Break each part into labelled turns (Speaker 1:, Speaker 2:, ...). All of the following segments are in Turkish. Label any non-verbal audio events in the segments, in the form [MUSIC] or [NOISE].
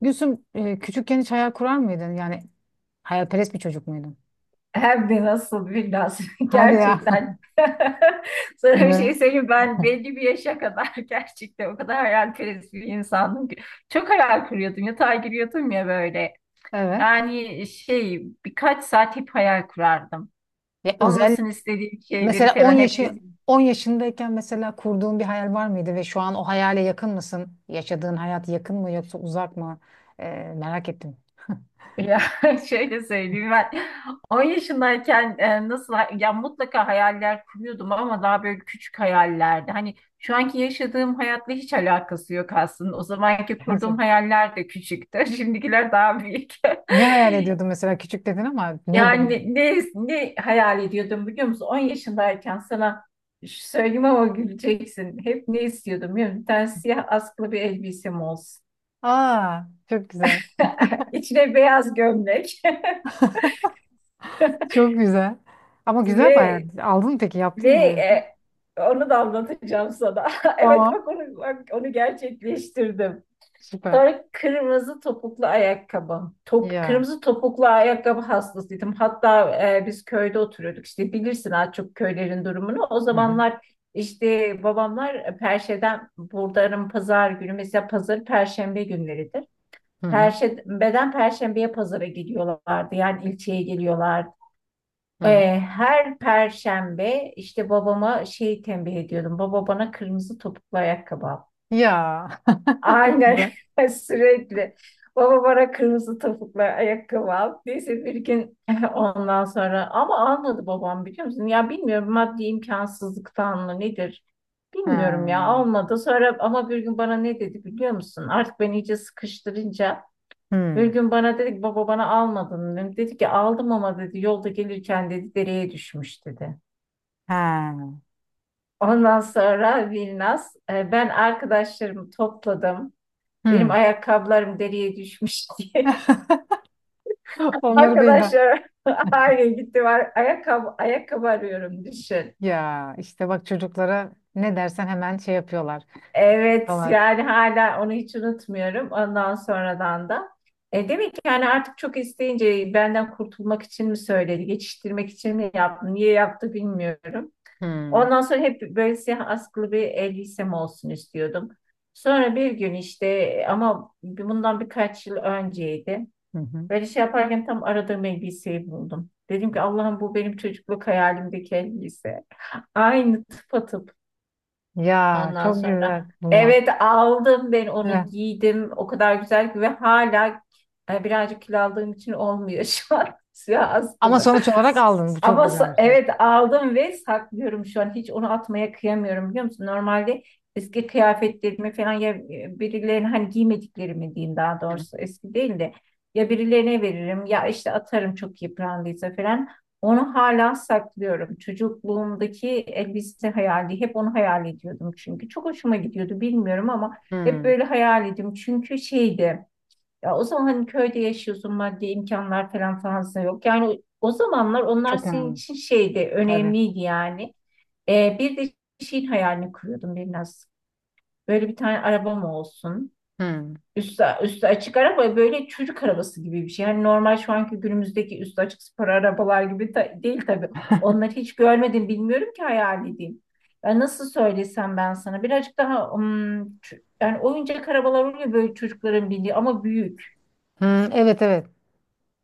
Speaker 1: Gülsüm, küçükken hiç hayal kurar mıydın? Yani hayalperest bir çocuk muydun?
Speaker 2: Hem de nasıl, bir nasıl [LAUGHS]
Speaker 1: Hadi ya. [LAUGHS] Ya.
Speaker 2: gerçekten. [LAUGHS] Sana bir şey
Speaker 1: Ne?
Speaker 2: söyleyeyim, ben belli bir yaşa kadar [LAUGHS] gerçekten o kadar hayalperest bir insandım ki. Çok hayal kuruyordum, yatağa giriyordum ya böyle.
Speaker 1: Evet.
Speaker 2: Yani şey, birkaç saat hep hayal kurardım.
Speaker 1: Ya özel,
Speaker 2: Olmasını istediğim şeyleri
Speaker 1: mesela
Speaker 2: falan hep.
Speaker 1: 10 yaşındayken mesela kurduğun bir hayal var mıydı ve şu an o hayale yakın mısın? Yaşadığın hayat yakın mı yoksa uzak mı? E, Merak ettim.
Speaker 2: Ya, [LAUGHS] şöyle söyleyeyim, ben 10 yaşındayken nasıl, ya mutlaka hayaller kuruyordum ama daha böyle küçük hayallerdi. Hani şu anki yaşadığım hayatla hiç alakası yok aslında. O zamanki kurduğum
Speaker 1: Gerçekten.
Speaker 2: hayaller de küçüktü. [LAUGHS] Şimdikiler daha büyük.
Speaker 1: Ne
Speaker 2: [LAUGHS]
Speaker 1: hayal ediyordun mesela? Küçük dedin ama neydi?
Speaker 2: Yani ne hayal ediyordum biliyor musun? 10 yaşındayken sana şu söyleyeyim ama güleceksin. Hep ne istiyordum biliyor musun? Bir tane siyah askılı bir elbisem olsun.
Speaker 1: Aa, çok güzel.
Speaker 2: [LAUGHS] İçine beyaz gömlek.
Speaker 1: Çok güzel. Ama
Speaker 2: [LAUGHS]
Speaker 1: güzel bir hayal.
Speaker 2: Ve
Speaker 1: Aldın mı peki? Yaptın
Speaker 2: Ve
Speaker 1: mı böyle bir şey?
Speaker 2: e, onu da anlatacağım sana. [LAUGHS] Evet,
Speaker 1: Tamam.
Speaker 2: bak onu, bak onu gerçekleştirdim.
Speaker 1: Süper.
Speaker 2: Sonra kırmızı topuklu ayakkabı.
Speaker 1: Ya.
Speaker 2: Kırmızı topuklu ayakkabı hastasıydım. Hatta biz köyde oturuyorduk. İşte bilirsin az çok köylerin durumunu. O
Speaker 1: Hı hı.
Speaker 2: zamanlar işte babamlar Perşe'den buradanın pazar günü, mesela pazar Perşembe günleridir.
Speaker 1: Hı hı.
Speaker 2: Perşembe'den Perşembe'ye pazara gidiyorlardı. Yani ilçeye geliyorlardı.
Speaker 1: Hı hı.
Speaker 2: Her perşembe işte babama şey tembih ediyordum. Baba, bana kırmızı topuklu ayakkabı al.
Speaker 1: Ya, [LAUGHS] çok
Speaker 2: Aynen,
Speaker 1: güzel.
Speaker 2: [LAUGHS] sürekli. Baba, bana kırmızı topuklu ayakkabı al. Neyse, bir gün [LAUGHS] ondan sonra ama almadı babam, biliyor musun? Ya, bilmiyorum, maddi imkansızlıktan mı nedir? Bilmiyorum ya,
Speaker 1: Ha.
Speaker 2: almadı. Sonra ama bir gün bana ne dedi biliyor musun? Artık ben iyice sıkıştırınca bir
Speaker 1: Hmm.
Speaker 2: gün bana dedi ki, baba bana almadın mı? Dedi ki aldım ama, dedi, yolda gelirken, dedi, dereye düşmüş, dedi.
Speaker 1: Ha.
Speaker 2: Ondan sonra Vilnas, ben arkadaşlarımı topladım. Benim
Speaker 1: Hmm.
Speaker 2: ayakkabılarım deriye düşmüş [LAUGHS] diye.
Speaker 1: [LAUGHS] Onları değil de.
Speaker 2: Arkadaşlar, [LAUGHS] aynen gitti var. Ayakkabı arıyorum, düşün.
Speaker 1: Ya işte bak, çocuklara ne dersen hemen şey yapıyorlar.
Speaker 2: Evet,
Speaker 1: Dolar.
Speaker 2: yani hala onu hiç unutmuyorum. Ondan sonradan da. Demek ki yani artık çok isteyince benden kurtulmak için mi söyledi, geçiştirmek için mi yaptı, niye yaptı bilmiyorum.
Speaker 1: Hmm.
Speaker 2: Ondan sonra hep böyle siyah askılı bir elbisem olsun istiyordum. Sonra bir gün işte, ama bundan birkaç yıl önceydi.
Speaker 1: Hı hı.
Speaker 2: Böyle şey yaparken tam aradığım elbiseyi buldum. Dedim ki Allah'ım, bu benim çocukluk hayalimdeki elbise. [LAUGHS] Aynı, tıpatıp.
Speaker 1: Ya
Speaker 2: Ondan
Speaker 1: çok
Speaker 2: sonra
Speaker 1: güzel bulma.
Speaker 2: evet, aldım, ben onu
Speaker 1: Evet.
Speaker 2: giydim. O kadar güzel ki, ve hala birazcık kilo aldığım için olmuyor [LAUGHS] şu an, siyah
Speaker 1: Ama
Speaker 2: askılı.
Speaker 1: sonuç olarak aldın. Bu çok
Speaker 2: Ama
Speaker 1: güzel bir şey.
Speaker 2: evet aldım ve saklıyorum şu an. Hiç onu atmaya kıyamıyorum, biliyor musun? Normalde eski kıyafetlerimi falan, ya birilerine, hani giymediklerimi diyeyim daha
Speaker 1: Hı.
Speaker 2: doğrusu, eski değil de, ya birilerine veririm ya işte atarım çok yıprandıysa falan. Onu hala saklıyorum. Çocukluğumdaki elbise hayali, hep onu hayal ediyordum çünkü. Çok hoşuma gidiyordu, bilmiyorum ama hep
Speaker 1: Hmm.
Speaker 2: böyle hayal ediyordum. Çünkü şeydi. Ya o zaman hani köyde yaşıyorsun, maddi imkanlar falan fazla yok. Yani o zamanlar onlar
Speaker 1: Çok
Speaker 2: senin
Speaker 1: önemli.
Speaker 2: için şeydi,
Speaker 1: Tabii.
Speaker 2: önemliydi yani. Bir de şeyin hayalini kuruyordum biraz. Böyle bir tane arabam olsun.
Speaker 1: Hmm.
Speaker 2: Üstü açık araba, böyle çocuk arabası gibi bir şey. Yani normal şu anki günümüzdeki üstü açık spor arabalar gibi değil tabii. Onları hiç görmedim, bilmiyorum ki hayal edeyim. Ya nasıl söylesem ben sana birazcık daha yani oyuncak arabalar oluyor böyle, çocukların bindiği ama büyük.
Speaker 1: Hmm. Evet, evet.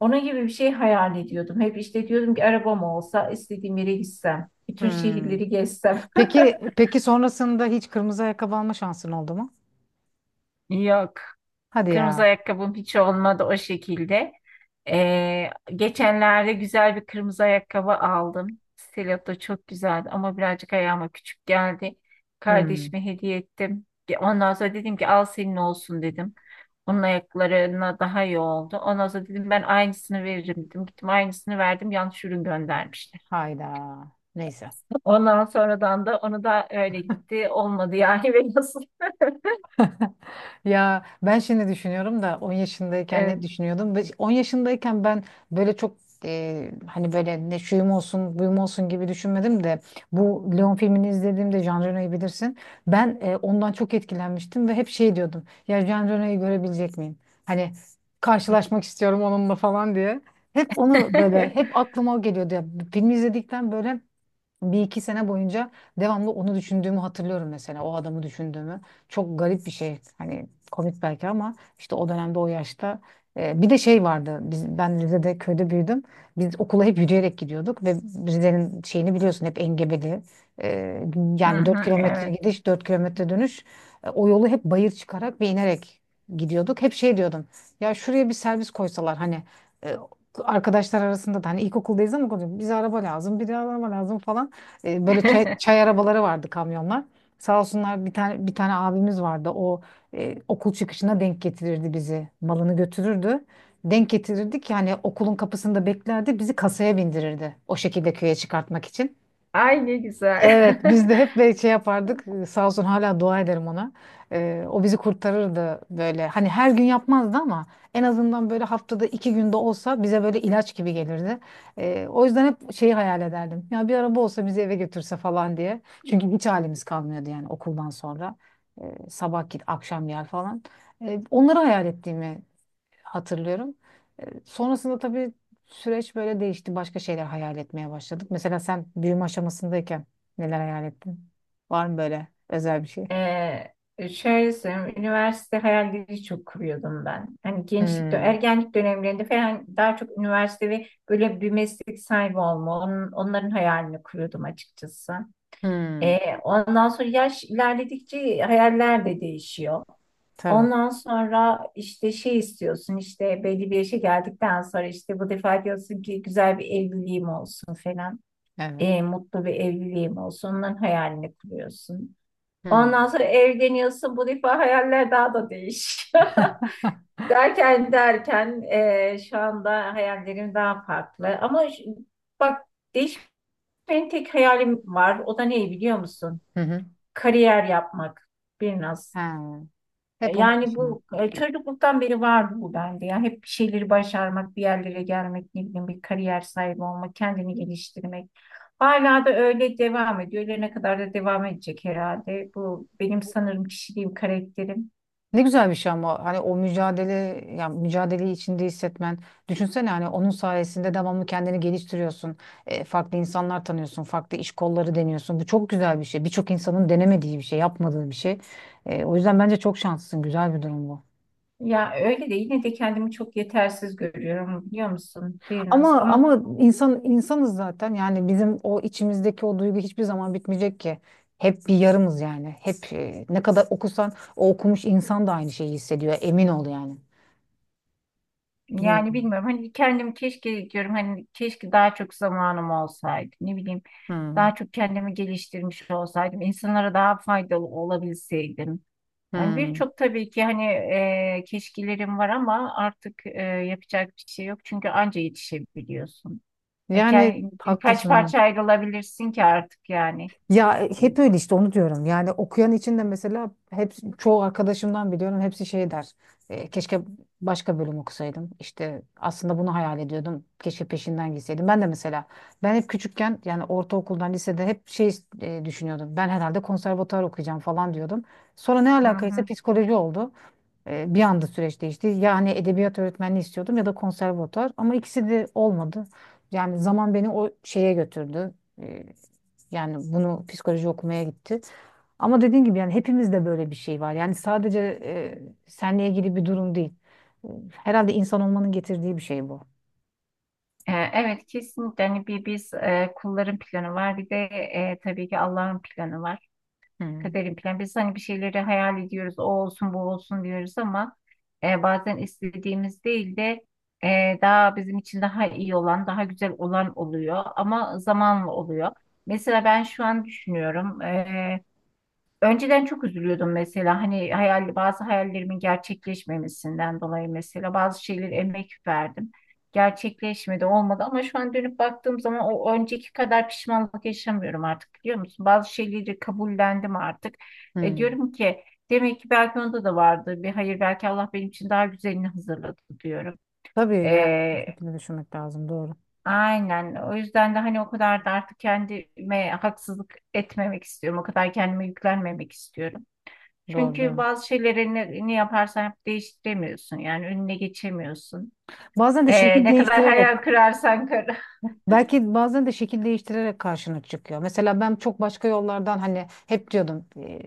Speaker 2: Onun gibi bir şey hayal ediyordum. Hep işte diyordum ki arabam olsa, istediğim yere gitsem, bütün
Speaker 1: Hmm.
Speaker 2: şehirleri gezsem.
Speaker 1: Peki peki, sonrasında hiç kırmızı ayakkabı alma şansın oldu mu?
Speaker 2: [LAUGHS] Yok.
Speaker 1: Hadi
Speaker 2: Kırmızı
Speaker 1: ya.
Speaker 2: ayakkabım hiç olmadı o şekilde. Ee, Geçenlerde güzel bir kırmızı ayakkabı aldım. Stiletto, çok güzeldi ama birazcık ayağıma küçük geldi.
Speaker 1: Hmm.
Speaker 2: Kardeşime hediye ettim. Ya, ondan sonra dedim ki al senin olsun, dedim. Onun ayaklarına daha iyi oldu. Ondan sonra dedim ben aynısını veririm, dedim. Gittim, aynısını verdim. Yanlış ürün göndermiş.
Speaker 1: Hayda. Neyse.
Speaker 2: Ondan sonradan da onu da öyle gitti. Olmadı yani, [LAUGHS] ve nasıl?
Speaker 1: Ya ben şimdi düşünüyorum da 10 yaşındayken ne
Speaker 2: Evet.
Speaker 1: düşünüyordum? Ve 10 yaşındayken ben böyle çok, hani böyle ne şuyum olsun buyum olsun gibi düşünmedim de bu Leon filmini izlediğimde Jean Reno'yu bilirsin. Ben ondan çok etkilenmiştim ve hep şey diyordum. Ya Jean Reno'yu görebilecek miyim? Hani karşılaşmak istiyorum onunla falan diye. Hep onu böyle hep
Speaker 2: [LAUGHS]
Speaker 1: aklıma o geliyordu ya. Filmi izledikten böyle 1 2 sene boyunca devamlı onu düşündüğümü hatırlıyorum, mesela o adamı düşündüğümü. Çok garip bir şey, hani komik belki ama işte o dönemde, o yaşta, bir de şey vardı, ben Rize'de köyde büyüdüm, biz okula hep yürüyerek gidiyorduk ve Rize'nin şeyini biliyorsun, hep engebeli. E,
Speaker 2: Hı
Speaker 1: yani 4
Speaker 2: hı,
Speaker 1: kilometre
Speaker 2: evet.
Speaker 1: gidiş, 4 kilometre dönüş. O yolu hep bayır çıkarak ve inerek gidiyorduk. Hep şey diyordum, ya şuraya bir servis koysalar, hani, e, arkadaşlar arasında da, hani ilkokuldayız ama konuşuyoruz, bize araba lazım, bir de araba lazım falan. E, böyle çay
Speaker 2: [LAUGHS]
Speaker 1: arabaları vardı, kamyonlar. Sağ olsunlar, bir tane abimiz vardı. O okul çıkışına denk getirirdi bizi. Malını götürürdü. Denk getirirdik yani, okulun kapısında beklerdi. Bizi kasaya bindirirdi, o şekilde köye çıkartmak için.
Speaker 2: Ay, ne güzel.
Speaker 1: Evet, biz de
Speaker 2: [LAUGHS]
Speaker 1: hep böyle şey yapardık. Sağ olsun, hala dua ederim ona. O bizi kurtarırdı böyle. Hani her gün yapmazdı ama en azından böyle haftada 2 günde olsa bize böyle ilaç gibi gelirdi. O yüzden hep şeyi hayal ederdim. Ya bir araba olsa bizi eve götürse falan diye. Çünkü hiç halimiz kalmıyordu yani okuldan sonra. Sabah git, akşam gel falan. Onları hayal ettiğimi hatırlıyorum. E, Sonrasında tabii süreç böyle değişti. Başka şeyler hayal etmeye başladık. Mesela sen büyüme aşamasındayken neler hayal ettin? Var mı böyle özel bir şey?
Speaker 2: Ee, Şöyle söyleyeyim, üniversite hayalleri çok kuruyordum ben. Hani gençlik,
Speaker 1: Hmm.
Speaker 2: ergenlik dönemlerinde falan daha çok üniversite ve böyle bir meslek sahibi olma, onların hayalini kuruyordum açıkçası.
Speaker 1: Hmm.
Speaker 2: Ondan sonra yaş ilerledikçe hayaller de değişiyor.
Speaker 1: Tabii.
Speaker 2: Ondan sonra işte şey istiyorsun, işte belli bir yaşa geldikten sonra işte bu defa diyorsun ki güzel bir evliliğim olsun falan.
Speaker 1: Evet.
Speaker 2: E, mutlu bir evliliğim olsun. Onların hayalini kuruyorsun. Ondan
Speaker 1: Hmm.
Speaker 2: sonra evleniyorsun. Bu defa hayaller daha da değişiyor. [LAUGHS] Derken derken şu anda hayallerim daha farklı. Ama bak, değişmeyen tek hayalim var. O da ne biliyor musun?
Speaker 1: Hı hı.
Speaker 2: Kariyer yapmak. Biraz.
Speaker 1: Ha. Hep onun
Speaker 2: Yani
Speaker 1: peşinden.
Speaker 2: bu çocukluktan beri vardı bu bende. Ya hep bir şeyleri başarmak, bir yerlere gelmek, ne bileyim bir kariyer sahibi olmak, kendini geliştirmek. Hala da öyle devam ediyor. Ölene kadar da devam edecek herhalde. Bu benim sanırım kişiliğim, karakterim.
Speaker 1: Ne güzel bir şey, ama hani o mücadele, ya mücadeleyi içinde hissetmen, düşünsene, hani onun sayesinde devamlı kendini geliştiriyorsun. E, farklı insanlar tanıyorsun, farklı iş kolları deniyorsun. Bu çok güzel bir şey, birçok insanın denemediği bir şey, yapmadığı bir şey. O yüzden bence çok şanslısın, güzel bir durum bu.
Speaker 2: Ya öyle de yine de kendimi çok yetersiz görüyorum, biliyor musun, biraz
Speaker 1: ama
Speaker 2: ama.
Speaker 1: ama insan, insanız zaten, yani bizim o içimizdeki o duygu hiçbir zaman bitmeyecek ki. Hep bir yarımız, yani hep, ne kadar okusan o okumuş insan da aynı şeyi hissediyor, emin ol yani.
Speaker 2: Yani
Speaker 1: Bilmiyorum.
Speaker 2: bilmiyorum, hani kendim keşke diyorum, hani keşke daha çok zamanım olsaydı, ne bileyim,
Speaker 1: Hmm.
Speaker 2: daha çok kendimi geliştirmiş olsaydım, insanlara daha faydalı olabilseydim. Yani
Speaker 1: Hmm.
Speaker 2: birçok tabii ki hani keşkelerim var ama artık yapacak bir şey yok çünkü anca yetişebiliyorsun. Yani
Speaker 1: Yani
Speaker 2: birkaç
Speaker 1: haklısın ha.
Speaker 2: parça ayrılabilirsin ki artık yani.
Speaker 1: Ya, hep öyle işte, onu diyorum. Yani okuyan için de mesela, hep çoğu arkadaşımdan biliyorum, hepsi şey der. "E, keşke başka bölüm okusaydım. İşte aslında bunu hayal ediyordum. Keşke peşinden gitseydim." Ben de mesela, ben hep küçükken, yani ortaokuldan lisede, hep şey, düşünüyordum. Ben herhalde konservatuar okuyacağım falan diyordum. Sonra ne
Speaker 2: Hı
Speaker 1: alakaysa
Speaker 2: hı.
Speaker 1: psikoloji oldu. E, bir anda süreç değişti. Yani edebiyat öğretmenliği istiyordum ya da konservatuar ama ikisi de olmadı. Yani zaman beni o şeye götürdü. E, yani bunu, psikoloji okumaya gitti. Ama dediğim gibi, yani hepimizde böyle bir şey var. Yani sadece seninle ilgili bir durum değil. E, Herhalde insan olmanın getirdiği bir şey bu.
Speaker 2: Evet, kesinlikle. Hani bir biz kulların planı var, bir de tabii ki Allah'ın planı var.
Speaker 1: Hmm.
Speaker 2: Kaderin planı. Biz hani bir şeyleri hayal ediyoruz, o olsun bu olsun diyoruz ama bazen istediğimiz değil de daha bizim için daha iyi olan, daha güzel olan oluyor ama zamanla oluyor. Mesela ben şu an düşünüyorum. Önceden çok üzülüyordum mesela, hani hayal, bazı hayallerimin gerçekleşmemesinden dolayı, mesela bazı şeyleri emek verdim. Gerçekleşmedi, olmadı ama şu an dönüp baktığım zaman o önceki kadar pişmanlık yaşamıyorum artık, biliyor musun? Bazı şeyleri kabullendim artık.
Speaker 1: Hmm.
Speaker 2: Diyorum ki demek ki belki onda da vardı bir hayır, belki Allah benim için daha güzelini hazırladı diyorum.
Speaker 1: Tabii, yani bu
Speaker 2: E,
Speaker 1: şekilde düşünmek lazım. Doğru.
Speaker 2: aynen, o yüzden de hani o kadar da artık kendime haksızlık etmemek istiyorum. O kadar kendime yüklenmemek istiyorum.
Speaker 1: Doğru,
Speaker 2: Çünkü
Speaker 1: doğru.
Speaker 2: bazı şeyleri ne yaparsan yap değiştiremiyorsun. Yani önüne geçemiyorsun.
Speaker 1: Bazen de şekil
Speaker 2: Ne kadar
Speaker 1: değiştirerek,
Speaker 2: hayal kırarsan kır.
Speaker 1: belki bazen de şekil değiştirerek karşına çıkıyor. Mesela ben çok başka yollardan, hani hep diyordum,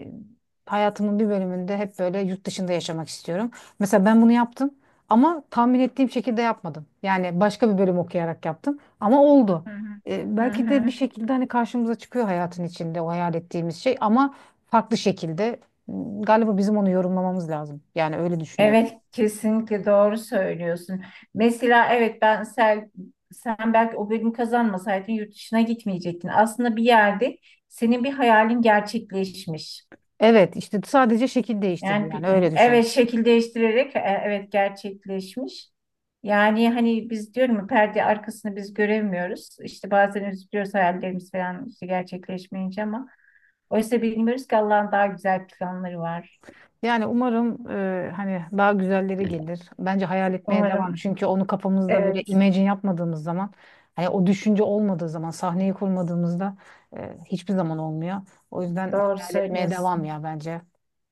Speaker 1: hayatımın bir bölümünde hep böyle yurt dışında yaşamak istiyorum. Mesela ben bunu yaptım, ama tahmin ettiğim şekilde yapmadım. Yani başka bir bölüm okuyarak yaptım ama oldu.
Speaker 2: Hı hı.
Speaker 1: E,
Speaker 2: Hı
Speaker 1: belki de bir
Speaker 2: hı.
Speaker 1: şekilde hani karşımıza çıkıyor hayatın içinde o hayal ettiğimiz şey, ama farklı şekilde. Hmm, galiba bizim onu yorumlamamız lazım. Yani öyle düşünüyorum.
Speaker 2: Evet, kesinlikle doğru söylüyorsun. Mesela evet, sen belki o bölüm kazanmasaydın yurt dışına gitmeyecektin. Aslında bir yerde senin bir hayalin gerçekleşmiş.
Speaker 1: Evet işte, sadece şekil değiştirdi,
Speaker 2: Yani
Speaker 1: yani öyle düşün.
Speaker 2: evet, şekil değiştirerek evet gerçekleşmiş. Yani hani biz, diyorum ya, perde arkasını biz göremiyoruz. İşte bazen üzülüyoruz, hayallerimiz falan işte gerçekleşmeyince, ama oysa bilmiyoruz ki Allah'ın daha güzel planları var.
Speaker 1: Yani umarım hani daha güzelleri gelir. Bence hayal etmeye devam.
Speaker 2: Umarım.
Speaker 1: Çünkü onu kafamızda böyle
Speaker 2: Evet,
Speaker 1: imagine yapmadığımız zaman, hani o düşünce olmadığı zaman, sahneyi kurmadığımızda hiçbir zaman olmuyor. O yüzden
Speaker 2: doğru
Speaker 1: hayal etmeye devam
Speaker 2: söylüyorsun.
Speaker 1: ya, bence.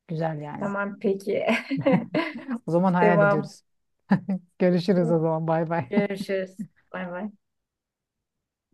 Speaker 1: Güzel yani.
Speaker 2: Tamam, peki.
Speaker 1: [LAUGHS] O zaman
Speaker 2: [LAUGHS]
Speaker 1: hayal
Speaker 2: Devam.
Speaker 1: ediyoruz. Görüşürüz o zaman. Bay bay.
Speaker 2: Görüşürüz. Bay bay.